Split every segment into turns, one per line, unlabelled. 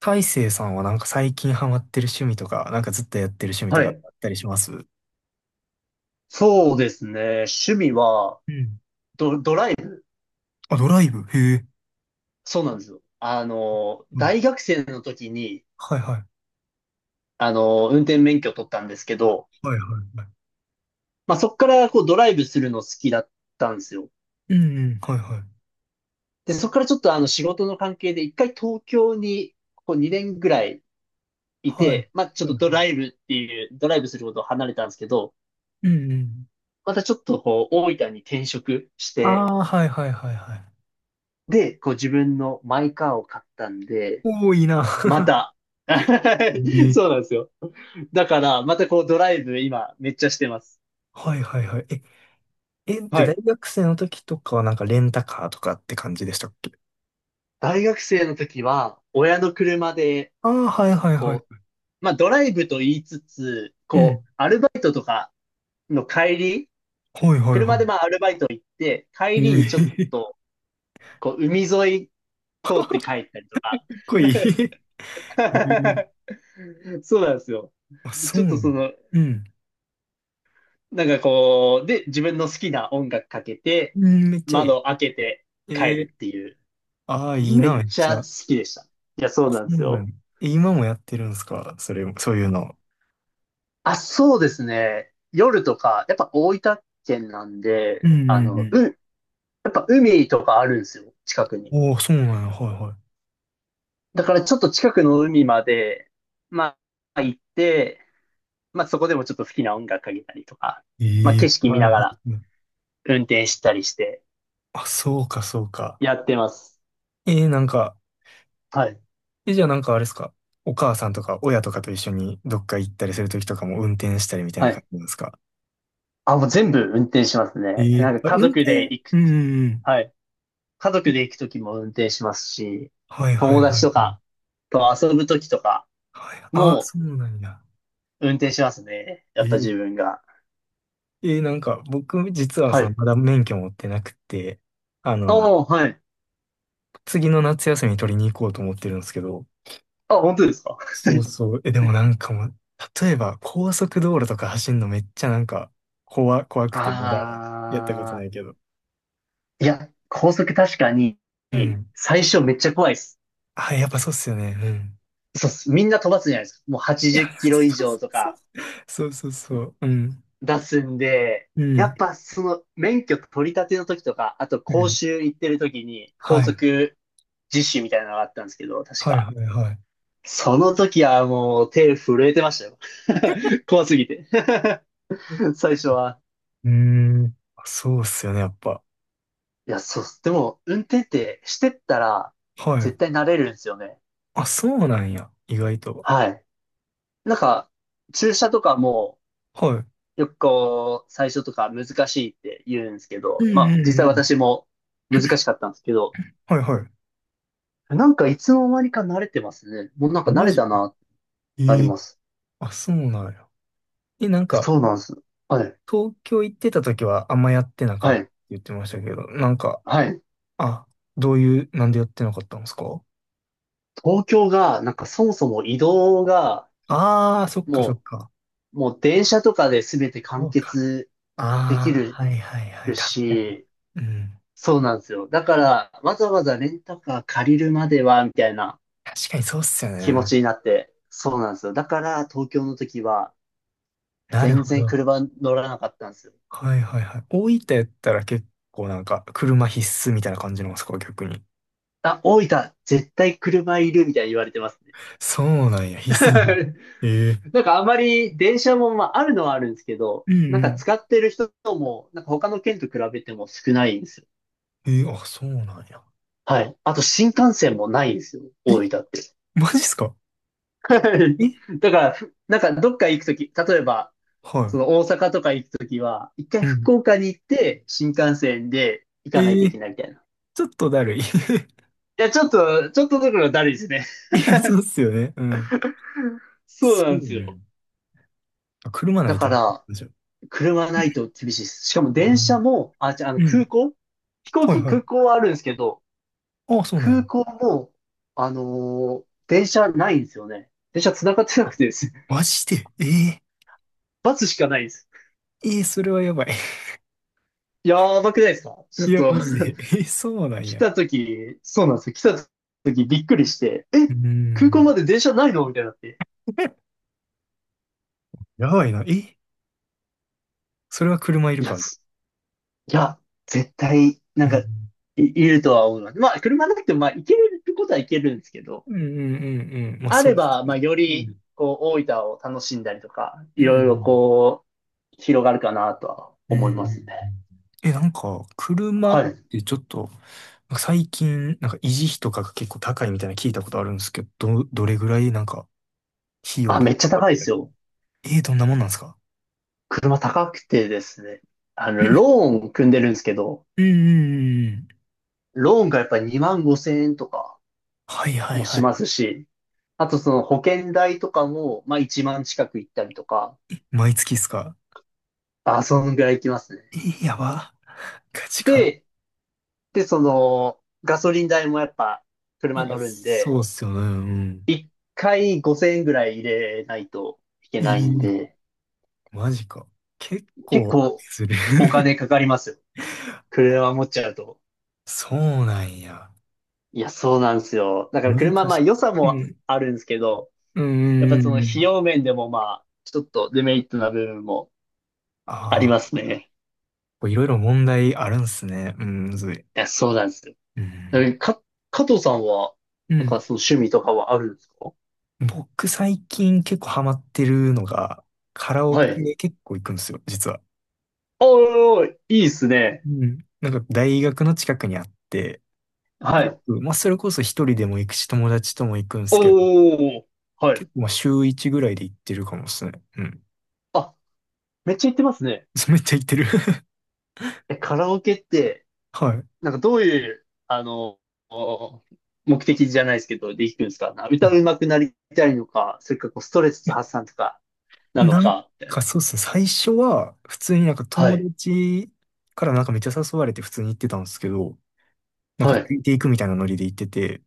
大成さんはなんか最近ハマってる趣味とか、なんかずっとやってる趣味と
は
か
い。
あったりします？
そうですね。趣味は、
うん。
ドライブ。
あ、ドライブ、へえ。
そうなんですよ。
うん。
大学生の時に、
はいはい。
運転免許を取ったんですけど、
はいはいはい。
まあ、そこからこうドライブするの好きだったんですよ。
うんうん。はいはい。
で、そこからちょっと仕事の関係で一回東京にこう2年ぐらいい
はい。
て、まあ、ちょっ
はいは
とドラ
い。
イブっていう、ドライブすることを離れたんですけど、
うんうん。
またちょっとこう大分に転職し
あ
て、
あ、はいはいはいはい。
で、こう自分のマイカーを買ったんで、
多いいな。
また。
ええ。
そうなんですよ。だから、またこうドライブ今めっちゃしてます。
はいはいはい。え、じゃ
は
あ大
い。
学生の時とかはなんかレンタカーとかって感じでしたっけ？
大学生の時は、親の車で、
ああー、はいはいは
こう、
い。
まあドライブと言いつつ、
う
こ
ん。
う、アルバイトとかの帰り、
はいはいは
車でまあアルバイト行って、
い。
帰
え
りにちょっ
え、か
と、こう、海沿い通って帰ったりとか。
っこいい。ええ。
そうなんですよ。
あ、そ
ち
う
ょっ
な
とそ
の？
の、
うん。
なんかこう、で、自分の好きな音楽かけて、
うん、めっちゃいい。
窓開けて帰
え
る
え、
っていう。
ああ、いい
め
な、め
っ
っ
ち
ち
ゃ
ゃ。
好きでした。いや、そう
そ
なんです
うな
よ。
ん、え、今もやってるんですか、それ、そういうの？
あ、そうですね。夜とか、やっぱ大分県なん
う
で、
んうんう
やっぱ海とかあるんですよ、近く
ん。
に。
おお、そうなんや、はいは
だからちょっと近くの海まで、まあ行って、まあそこでもちょっと好きな音楽かけたりとか、
い。
まあ
え
景
え、
色見
はい
なが
は
ら
い。
運転したりして、
あ、そうか、そうか。
やってます。
えー、なんか、
はい、
え、じゃあなんかあれですか、お母さんとか親とかと一緒にどっか行ったりするときとかも運転したりみたいな
は
感
い。
じなんですか？
あ、もう全部運転しますね。
ええ、
なん
あ、
か家
運
族で
転、
行
う
く。
んうん
はい、家
う
族
ん。
で行くときも運転しますし、
はいはい
友
はいは
達
い。
とかと遊ぶときとか
はい、ああ、
も
そうなんや。
運転しますね。や
え
った
ー、
自分が。
えーなんか僕実は
は
その
い。
まだ免許持ってなくて、あ
あ
の、
あ、はい。
次の夏休み取りに行こうと思ってるんですけど、
あ、本当ですか？
そうそう。え、でもなんかもう、例えば高速道路とか走るのめっちゃなんか、怖く
あ
てまだやったことないけ
ー。
ど。
いや、高速確かに
うん。
最初めっちゃ怖いです。
あ、やっぱそうっすよね。うん。
そうっす。みんな飛ばすじゃないですか。もう
い
80
や、
キロ以
そう
上
そう
と
そう。
か
そうそうそう。うん。
出すんで、
う
や
ん。
っぱその免許取り立ての時とか、あと
う
講
ん。
習行ってる時に
は
高
い。
速実習みたいなのがあったんですけど、確
はいは
か。
いはい。
その時はもう手震えてましたよ。怖すぎて
う
最初は。
ん。うーん、あ、そうっすよね、やっぱ。
いや、そう、でも、運転ってしてったら、
はい。
絶対慣れるんですよね。
あ、そうなんや。意外と。
はい。なんか、駐車とかも、
はい。
よくこう、最初とか難しいって言うんですけ
う
ど、ま
んう
あ、実
んう
際
ん。
私も難しかったんですけど、
はいはい。
なんかいつの間にか慣れてますね。もうなん
あ、
か慣
マ
れ
ジ？
たな、なり
ええ、
ます。
あ、そうなんや。え、なん
いや、
か、
そうなんです。はい。
東京行ってた時はあんまやってなかっ
は
たって
い。
言ってましたけど、なんか、
はい。
あ、どういう、なんでやってなかったんですか？
東京が、なんかそもそも移動が、
ああー、そっか
も
そっか。
う、もう電車とかで全て
そ
完
うか。
結で
あ
きる
あ、はいはいはい。確かに。
し、
うん。
そうなんですよ。だから、わざわざレンタカー借りるまでは、みたいな
確かにそうっすよ
気持
ね。
ちになって、そうなんですよ。だから、東京の時は、
なる
全
ほ
然
ど。
車乗らなかったんですよ。
はいはいはい。大分やったら結構なんか、車必須みたいな感じなんですか、逆に？
あ、大分、絶対車いる、みたいに言われてますね。
そうなんや、必須。ええ、
なんかあまり電車も、まあ、あるのはあるんですけど、
うん
なんか
うん。
使ってる人も、なんか他の県と比べても少ないんですよ。
ええ、あ、そうなんや。
はい。あと新幹線もないんですよ。
え、
大分って。
マジっすか？
は
え、
い。だから、なんかどっか行くとき、例えば、
は
その大阪とか行くときは、一回
い。うん。
福岡に行って、新幹線で行かない
え
といけ
え、
ないみたいな。い
ちょっとだるい。
や、ちょっとだからだるいですね。
いや、そうっすよね。うん。
そう
そ
なんで
う
す
ね。
よ。
あ、車な
だ
いと
か
あか
ら、
んじゃん。
車ないと厳しいです。しかも
う
電車
ん。
も、あ、じゃあ、あの
うん。
空港飛行
はい
機、
はい。
空港はあるんですけど、
ああ、そうなんや。
空港も、電車ないんですよね。電車繋がってな
あ、
くてですね。
マジで、ええ、
バスしかないんです。
ええ、それはやばい。
やばくないですか？ちょっ
いや、
と
マジで。ええ、そうなん
来
や。
た時、そうなんですよ。来た時びっくりして、
う
え、空港
ん。
まで電車ないのみたいになって。
やばいな。え、それは車いる
いや、
か。
すいや、絶対、
うん。
いるとは思います。まあ、車なくても、まあ、行けることは行けるんですけど、
うんうんうんうん。まあ、
あ
そう
れ
っす
ば、まあ、
ね。
よ
う
り、
ん。
こう、大分を楽しんだりとか、
う
い
んう
ろいろ
ん
こう、広がるかなとは
う
思いますね。
ん。え、なんか、車っ
はい。
てちょっと、最近、なんか維持費とかが結構高いみたいなの聞いたことあるんですけど、どれぐらいなんか、費用
あ、
と
め
か
っちゃ
かか
高い
っ
で
た
す
り？
よ。
えー、どんなもんなんですか？
車高くてですね。
う
ロ
ん
ーン組んでるんですけど、
うんうんうん。
ローンがやっぱり2万5千円とか、
はいはい
も
は
し
い。
ますし、あとその保険代とかも、まあ1万近く行ったりとか、
毎月っすか？
あ、そのぐらい行きますね。
えー、やば。ガチか。
で、で、その、ガソリン代もやっぱ車
いや、
乗るん
そ
で、
うっすよね。うん。
1回5,000円ぐらい入れないといけ
え
ないん
ー、
で、
マジか。結
結
構
構
する。
お 金かかりますよ。車持っちゃうと。
そうなんや。
いや、そうなんですよ。だから
難
車、まあ
し
良さ
い。う
も
ん。
あるんですけど、
うん
やっ
うん
ぱ
う
その
んう
費
ん。
用面でもまあ、ちょっとデメリットな部分もあ
あ
りま
あ。
すね。
こういろいろ問題あるんすね。うん、むずい。
いや、そうなんですよ。
うん。
え、か、加藤さんは、
う
なん
ん。
かその趣味とかはあるんですか？
僕最近結構ハマってるのが、カラオ
はい。
ケ結構行くんですよ、実は。
おー、いいっすね。
うん。なんか大学の近くにあって、
は
よ
い。
く、まあそれこそ一人でも行くし、友達とも行くんですけど、
おー、はい。
結構まあ週一ぐらいで行ってるかもですね。うん。
あ、めっちゃ行ってますね。
そうめっちゃ行ってる。
え、カラオケって、
はい。
なんかどういう、お目的じゃないですけど、で行くんですか？な歌
い
うまくなりたいのか、それかこうストレス
や、
発散とか、なの
なん
か、みたい
か
な。
そうっすね。最初は普通になんか
は
友
い。
達からなんかめっちゃ誘われて普通に行ってたんですけど、なんか
は
つ
い。
いていくみたいなノリで行ってて、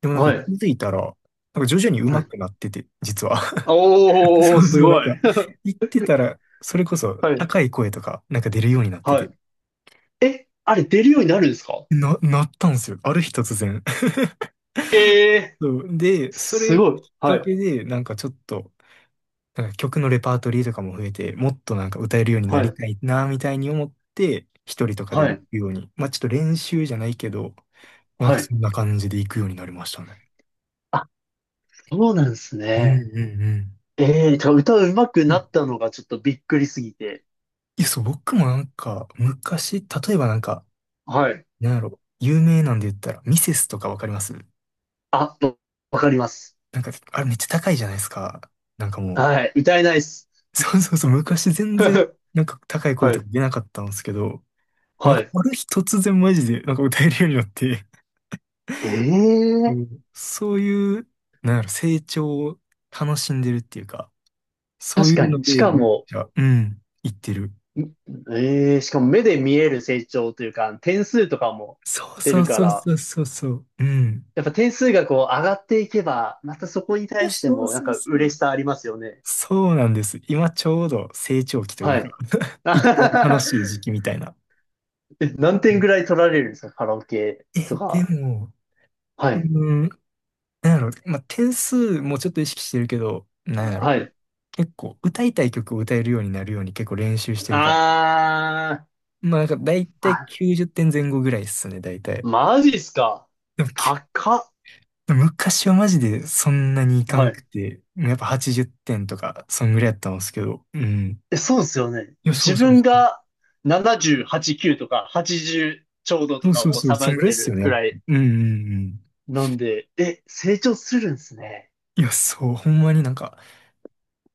でもなん
は
か気
い。
づいたら、なんか徐々に
は
上
い。
手くなってて、実は。
おー、
そう
す
そう、なん
ごい。
か、行ってたら、それこそ
はい。
高い声とか、なんか出るようになって
は
て、
い。え、あれ出るようになるんですか？
なったんですよ。ある日突然。
ええ、
そう、で、そ
す
れきっ
ごい。は
か
い。
けで、なんかちょっと、なんか曲のレパートリーとかも増えて、もっとなんか歌えるようにな
は
り
い。
たいな、みたいに思って、一人とかで
は
も行
い。
くように。まあちょっと練習じゃないけど、なんか
はい。
そんな感じで行くようになりましたね。
あ、そうなんです
うんう
ね。
ん
ええ、じゃあ歌うまく
う
な
ん。
ったのがちょっとびっくりすぎて。
いや、そう、僕もなんか、昔、例えばなんか、
はい。
なんやろ、有名なんで言ったら、ミセスとかわかります？
あ、わかります。
なんか、あれめっちゃ高いじゃないですか。なんかも
はい。歌えないっす。
う、そうそうそう、昔全然、なんか高い声
は
とか
い。
出なかったんですけど、もうなん
は
か、
い。
ある日突然マジで、なんか歌えるようになって、そ
ええ、
うそういう、なんやろ、成長を楽しんでるっていうか、そう
確
い
か
うの
に。し
で、
か
めっ
も、
ちゃ、うん、言ってる。
ええ、しかも目で見える成長というか、点数とかも
そう
出
そう
るか
そう
ら、
そうそうそう、うん。
やっぱ点数がこう上がっていけば、またそこに
いや、
対して
そう
もなん
そう
か
そ
嬉
う。
しさありますよね。
そうなんです。今ちょうど成長期という
は
か、
い。
一番楽しい時 期みたいな。
え、何点ぐらい取られるんですか？カラオケ
え、
と
で
か。
も、
は
うー
い。
ん、なんやろ、まあ、点数もちょっと意識してるけど、なんや
は
ろ、
い。
結構歌いたい曲を歌えるようになるように結構練習してるから。
あー。
まあなんか大体
あ、
90点前後ぐらいっすね、大体。
マジっすか。
でも
高っ。
昔はマジでそんなにいかん
は
く
い。
て、やっぱ80点とか、そんぐらいやったんですけど、うん。
え、そうですよね。
いや、そ
自
うそう
分
そう。
が70、89とか80ちじゅうちょうど
そ
と
う
か
そう
を
そう、
さま
そ
よ
ん
っ
ぐらいっ
て
すよ
る
ね、や
ぐ
っぱ。
らい
うんうんうん。
なんで、え、成長するんですね。
いや、そう、ほんまになんか、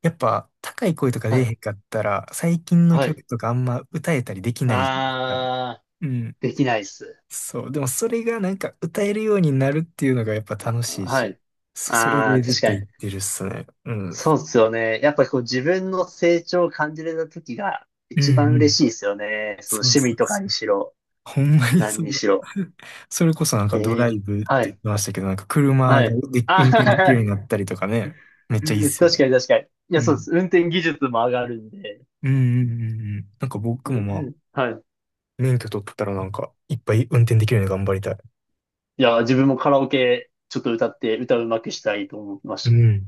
やっぱ高い声とか出
は
えへ
い。
んかったら、最近の
はい。
曲とかあんま歌えたりできないじゃないですか。
あ
う
ー。
ん。
できないっす。
そう。でもそれがなんか歌えるようになるっていうのがやっぱ楽しい
は
し、
い。
それ
あ
で
ー、
ずっ
確
と
か
言
に。
ってるっすね。うん。
そうですよね。やっぱりこう自分の成長を感じれた時が
うん
一番
う
嬉
ん。
しいですよね。その
そう
趣
そ
味
う
とか
そ
に
う。
しろ、
ほんまにそ
何にし
う。
ろ。
それこそなんか
え
ドラ
え、
イブって
は
言っ
い、
てましたけど、なんか車が
はい。
で
あ、
運転できる よう
確
になったりとかね、
かに
めっちゃいいっすよ
確
ね。
かに。いや、
う
そうで
ん。
す。運転技術も上がるんで。
うんうんうんうん。なんか僕
う
も
ん
ま
う
あ、
ん、はい。
免許取ったらなんか、いっぱい運転できるように頑張りたい。
いや、自分もカラオケちょっと歌って、歌うまくしたいと思いま
う
した。
ん。